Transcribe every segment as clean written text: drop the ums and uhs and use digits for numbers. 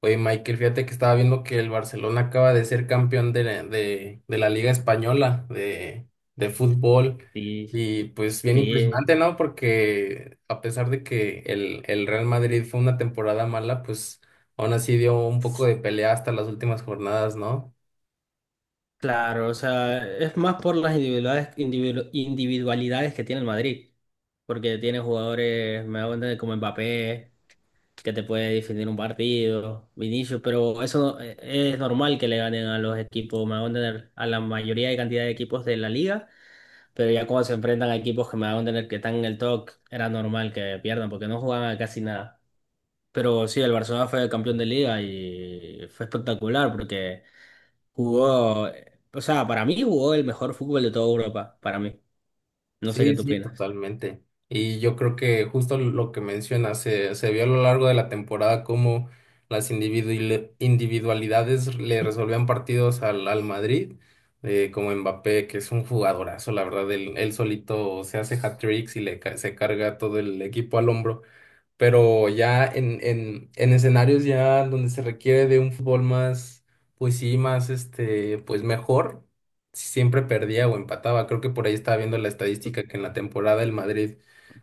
Oye, Michael, fíjate que estaba viendo que el Barcelona acaba de ser campeón de la Liga Española de fútbol. Sí, Y pues bien sí, impresionante, ¿no? Porque a pesar de que el Real Madrid fue una temporada mala, pues aún así dio un poco de pelea hasta las últimas jornadas, ¿no? claro, o sea, es más por las individualidades, individualidades que tiene el Madrid, porque tiene jugadores, me hago entender, como Mbappé, que te puede definir un partido, Vinicius, pero eso no- es normal que le ganen a los equipos, me hago entender, a la mayoría de cantidad de equipos de la liga, pero ya cuando se enfrentan a equipos que me hago entender que están en el top, era normal que pierdan, porque no jugaban a casi nada. Pero sí, el Barcelona fue campeón de liga y fue espectacular porque... jugó, o sea, para mí jugó el mejor fútbol de toda Europa, para mí. No sé qué Sí, tú sí, opinas. totalmente. Y yo creo que justo lo que mencionas, se vio a lo largo de la temporada cómo individualidades le resolvían partidos al Madrid, como Mbappé, que es un jugadorazo, la verdad, él solito se hace hat-tricks y se carga todo el equipo al hombro, pero ya en escenarios ya donde se requiere de un fútbol más, pues sí, más pues mejor, siempre perdía o empataba. Creo que por ahí estaba viendo la estadística que en la temporada el Madrid,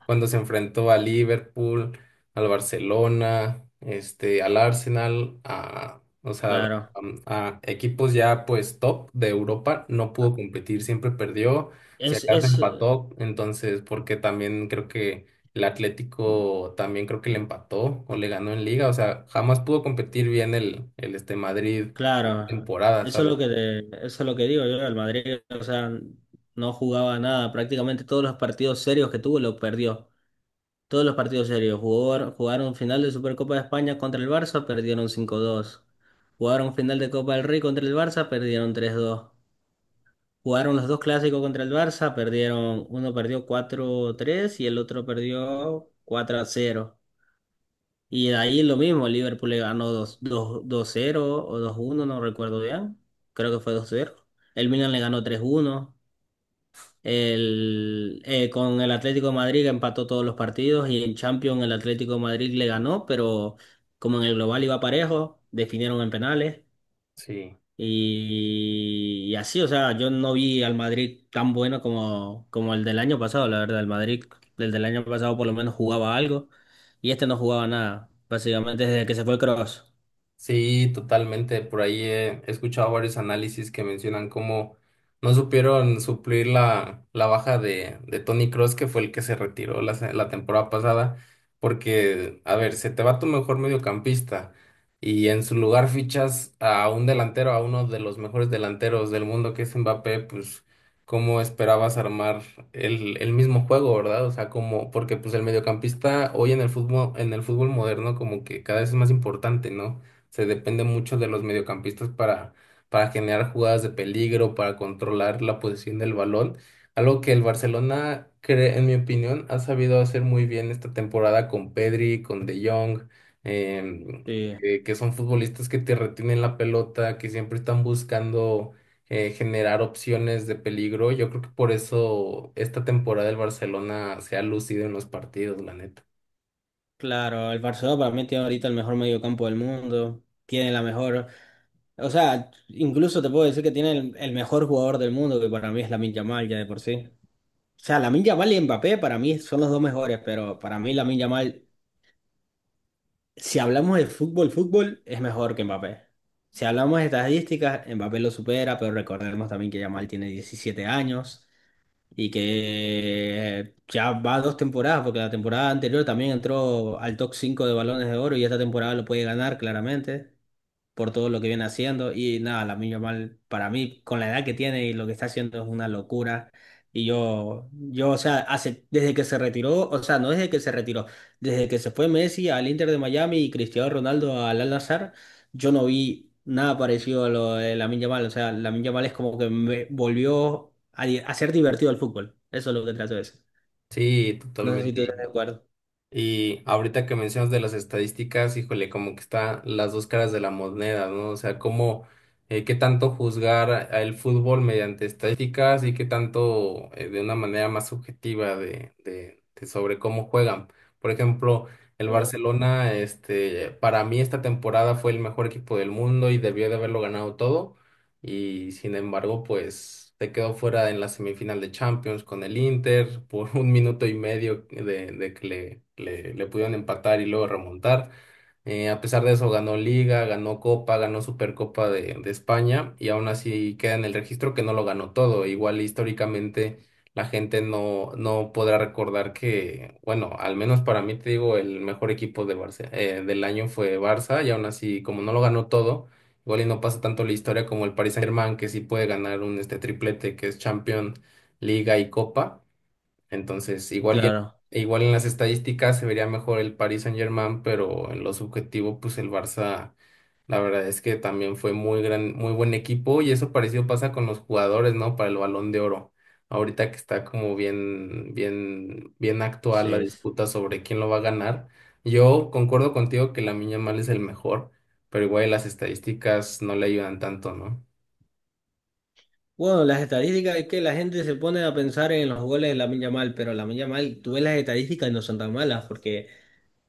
cuando se enfrentó a Liverpool, al Barcelona, este, al Arsenal, a, o sea, Claro. A equipos ya pues top de Europa, no pudo competir, siempre perdió. Si Es, acaso es, empató, entonces, porque también creo que el Atlético también creo que le empató o le ganó en liga. O sea, jamás pudo competir bien el este Madrid claro. temporada, ¿sabes? Eso es lo que digo yo, el Madrid, o sea, no jugaba nada. Prácticamente todos los partidos serios que tuvo lo perdió. Todos los partidos serios. Jugaron final de Supercopa de España contra el Barça, perdieron cinco dos. Jugaron final de Copa del Rey contra el Barça, perdieron tres dos. Jugaron los dos clásicos contra el Barça, perdieron, uno perdió 4-3 y el otro perdió 4-0. Y de ahí lo mismo, Liverpool le ganó 2 2-0 o 2-1, no recuerdo bien. Creo que fue 2-0. El Milan le ganó 3-1. Con el Atlético de Madrid empató todos los partidos y en Champions el Atlético de Madrid le ganó, pero como en el global iba parejo, definieron en penales. Sí. Y así, o sea, yo no vi al Madrid tan bueno como, como el del año pasado, la verdad. El Madrid, el del año pasado por lo menos jugaba algo y este no jugaba nada, básicamente desde que se fue Cross. Sí, totalmente. Por ahí he escuchado varios análisis que mencionan cómo no supieron suplir la baja de Tony Cross, que fue el que se retiró la temporada pasada, porque, a ver, se te va tu mejor mediocampista y en su lugar fichas a un delantero, a uno de los mejores delanteros del mundo, que es Mbappé, pues, ¿cómo esperabas armar el mismo juego, verdad? O sea, como, porque pues el mediocampista hoy en el fútbol moderno como que cada vez es más importante, ¿no? Se depende mucho de los mediocampistas para generar jugadas de peligro, para controlar la posición del balón. Algo que el Barcelona, en mi opinión, ha sabido hacer muy bien esta temporada con Pedri, con De Jong, em, Sí. Que son futbolistas que te retienen la pelota, que siempre están buscando generar opciones de peligro. Yo creo que por eso esta temporada el Barcelona se ha lucido en los partidos, la neta. Claro, el Barcelona para mí tiene ahorita el mejor mediocampo del mundo, tiene la mejor, o sea, incluso te puedo decir que tiene el mejor jugador del mundo, que para mí es Lamine Yamal ya de por sí. O sea, Lamine Yamal y Mbappé para mí son los dos mejores, pero para mí Lamine Yamal, si hablamos de fútbol, fútbol, es mejor que Mbappé. Si hablamos de estadísticas, Mbappé lo supera, pero recordemos también que Yamal tiene 17 años y que ya va dos temporadas, porque la temporada anterior también entró al top 5 de balones de oro y esta temporada lo puede ganar claramente por todo lo que viene haciendo. Y nada, la Lamine mal para mí, con la edad que tiene y lo que está haciendo, es una locura. O sea, desde que se retiró, o sea, no desde que se retiró, desde que se fue Messi al Inter de Miami y Cristiano Ronaldo al Al-Nassr, yo no vi nada parecido a lo de Lamine mal. O sea, Lamine mal es como que me volvió a ser divertido el fútbol. Eso es lo que trato de decir. Sí, No sé si tú estás de totalmente. acuerdo. Y ahorita que mencionas de las estadísticas, híjole, como que está las dos caras de la moneda, ¿no? O sea, cómo, qué tanto juzgar a el fútbol mediante estadísticas y qué tanto de una manera más subjetiva de sobre cómo juegan. Por ejemplo, el Claro. Barcelona, este, para mí esta temporada fue el mejor equipo del mundo y debió de haberlo ganado todo y sin embargo, pues se quedó fuera en la semifinal de Champions con el Inter por un minuto y medio de que le pudieron empatar y luego remontar. A pesar de eso, ganó Liga, ganó Copa, ganó Supercopa de España y aún así queda en el registro que no lo ganó todo. Igual históricamente la gente no podrá recordar que, bueno, al menos para mí te digo, el mejor equipo de del año fue Barça y aún así como no lo ganó todo, igual y no pasa tanto la historia como el Paris Saint-Germain, que sí puede ganar un este triplete, que es Champions, Liga y Copa. Entonces, igual, Claro, igual en las estadísticas se vería mejor el Paris Saint-Germain, pero en lo subjetivo, pues el Barça, la verdad es que también fue muy gran, muy buen equipo, y eso parecido pasa con los jugadores, ¿no? Para el Balón de Oro. Ahorita que está como bien, bien, bien actual la sí. disputa sobre quién lo va a ganar. Yo concuerdo contigo que la Lamine mal es el mejor, pero igual las estadísticas no le ayudan tanto, ¿no? Bueno, las estadísticas, es que la gente se pone a pensar en los goles de Lamine Yamal, pero Lamine Yamal, tú ves las estadísticas y no son tan malas, porque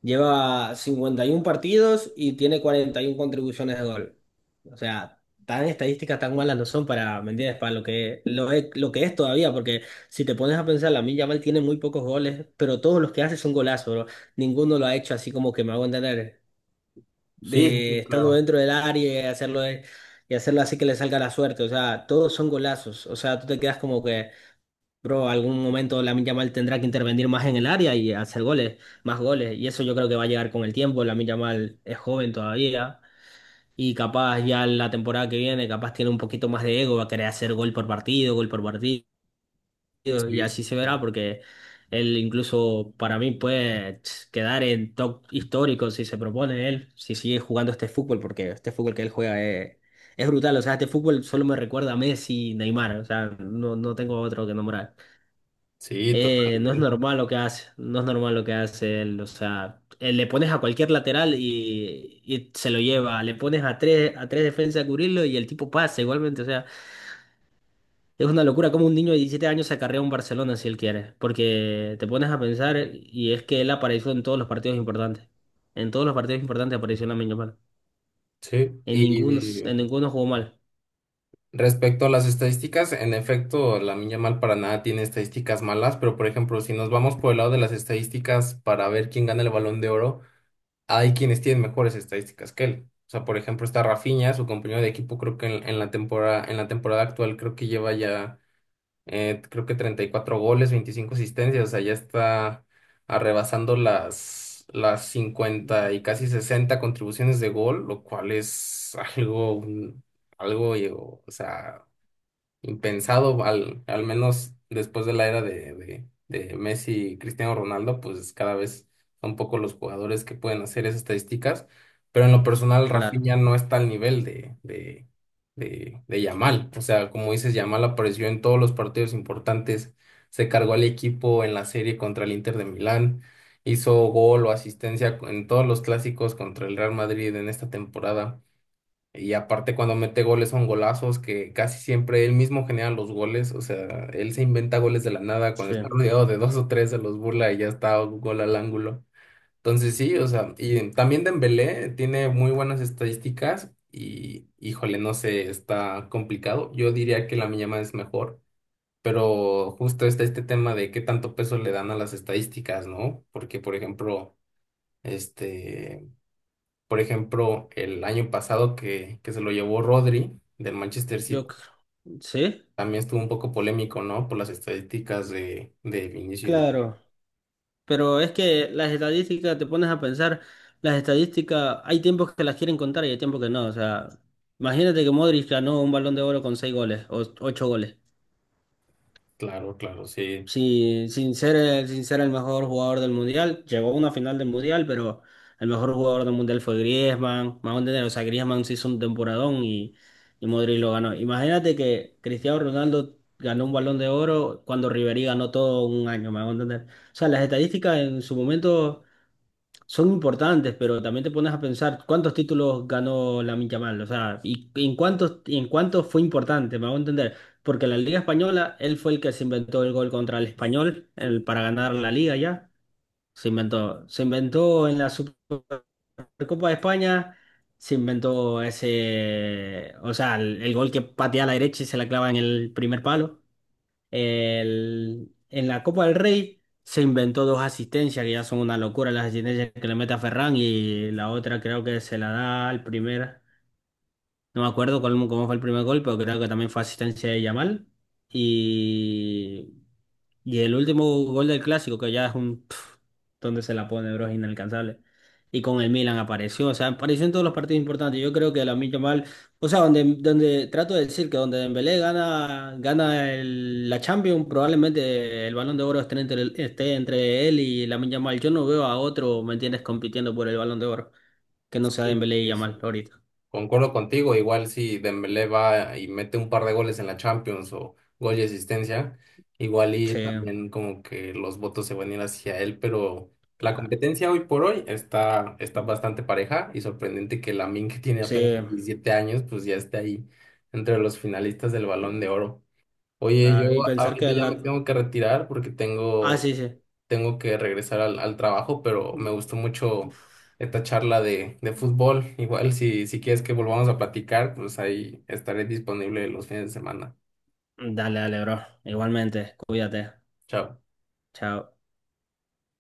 lleva 51 partidos y tiene 41 contribuciones de gol. O sea, tan estadísticas tan malas no son para, ¿me entiendes? Para lo que es todavía, porque si te pones a pensar, Lamine Yamal tiene muy pocos goles, pero todos los que hace son golazos, bro. Ninguno lo ha hecho así como que, me hago entender, Sí, sí, de sí, estando claro. dentro del área y hacerlo, y hacerlo así que le salga la suerte. O sea, todos son golazos. O sea, tú te quedas como que, bro, algún momento Lamine Yamal tendrá que intervenir más en el área y hacer goles, más goles. Y eso yo creo que va a llegar con el tiempo. Lamine Yamal es joven todavía. Y capaz ya la temporada que viene, capaz tiene un poquito más de ego, va a querer hacer gol por partido, gol por partido, y Sí, así sí, se verá, sí. porque él incluso para mí puede quedar en top histórico si se propone él, si sigue jugando este fútbol, porque este fútbol que él juega es brutal, o sea, este fútbol solo me recuerda a Messi y Neymar, o sea, no tengo otro que nombrar. Sí, No es totalmente. normal lo que hace, no es normal lo que hace él, o sea, le pones a cualquier lateral y se lo lleva, le pones a tres defensas a cubrirlo y el tipo pasa igualmente. O sea, es una locura como un niño de 17 años se acarrea un Barcelona si él quiere, porque te pones a pensar y es que él apareció en todos los partidos importantes. En todos los partidos importantes apareció Lamine Yamal. Sí. En ninguno jugó mal. Respecto a las estadísticas, en efecto, la Lamine mal para nada tiene estadísticas malas, pero por ejemplo, si nos vamos por el lado de las estadísticas para ver quién gana el Balón de Oro, hay quienes tienen mejores estadísticas que él. O sea, por ejemplo, está Rafinha, su compañero de equipo, creo que en la temporada actual creo que lleva ya, creo que 34 goles, 25 asistencias, o sea, ya está arrebasando las 50 y casi 60 contribuciones de gol, lo cual es algo, o sea, impensado, al menos después de la era de Messi y Cristiano Ronaldo, pues cada vez son pocos los jugadores que pueden hacer esas estadísticas, pero en lo personal Claro. Rafinha no está al nivel de Yamal, o sea, como dices, Yamal apareció en todos los partidos importantes, se cargó al equipo en la serie contra el Inter de Milán, hizo gol o asistencia en todos los clásicos contra el Real Madrid en esta temporada. Y aparte cuando mete goles son golazos que casi siempre él mismo genera los goles, o sea, él se inventa goles de la nada, cuando Sí. está rodeado de dos o tres se los burla y ya está gol al ángulo. Entonces sí, o sea, y también Dembélé tiene muy buenas estadísticas y híjole, no sé, está complicado. Yo diría que la Yamal es mejor, pero justo está este tema de qué tanto peso le dan a las estadísticas, ¿no? Porque por ejemplo, este el año pasado que se lo llevó Rodri del Manchester City, Yo, cr- sí, también estuvo un poco polémico, ¿no? Por las estadísticas de Vinicius. claro. Pero es que las estadísticas, te pones a pensar, las estadísticas, hay tiempos que las quieren contar y hay tiempos que no. O sea, imagínate que Modric ganó un Balón de Oro con 6 goles o 8 goles. Claro, claro, sí. Sí, sin ser el mejor jugador del mundial, llegó a una final del mundial, pero el mejor jugador del mundial fue Griezmann. Más, o sea, Griezmann se hizo un temporadón y Modric lo ganó. Imagínate que Cristiano Ronaldo ganó un Balón de Oro cuando Ribery ganó todo un año, me hago entender. O sea, las estadísticas en su momento son importantes, pero también te pones a pensar cuántos títulos ganó Lamine Yamal, o sea, y en cuántos fue importante, me hago entender, porque en la Liga Española él fue el que se inventó el gol contra el Español para ganar la Liga ya, se inventó en la Supercopa de España, se inventó ese, o sea, el gol que patea a la derecha y se la clava en el primer palo. El- en la Copa del Rey se inventó dos asistencias que ya son una locura, las asistencias que le mete a Ferran y la otra creo que se la da al primer, no me acuerdo cómo, cómo fue el primer gol, pero creo que también fue asistencia de Yamal. Y y el último gol del clásico, que ya es un... pf, ¿dónde se la pone, bro? Es inalcanzable. Y con el Milan apareció, o sea, apareció en todos los partidos importantes. Yo creo que la mal, o sea, donde trato de decir que donde Dembélé gana, gana la Champions, probablemente el Balón de Oro esté entre, esté entre él y la mal. Yo no veo a otro, ¿me entiendes?, compitiendo por el Balón de Oro, que no sea Dembélé y Sí. Yamal ahorita. Concuerdo contigo, igual si Dembélé va y mete un par de goles en la Champions o gol y asistencia, igual Sí, y también como que los votos se van a ir hacia él, pero la claro. competencia hoy por hoy está, está bastante pareja y sorprendente que Lamine, que tiene Sí, apenas 17 años, pues ya esté ahí entre los finalistas del Balón de Oro. Oye, yo claro. Y pensar ahorita que ya me la... tengo que retirar porque Ah, tengo, sí, tengo que regresar al trabajo, pero me sí. gustó mucho esta charla de fútbol. Igual si quieres que volvamos a platicar, pues ahí estaré disponible los fines de semana. Dale, dale, bro. Igualmente, cuídate. Chao. Chao.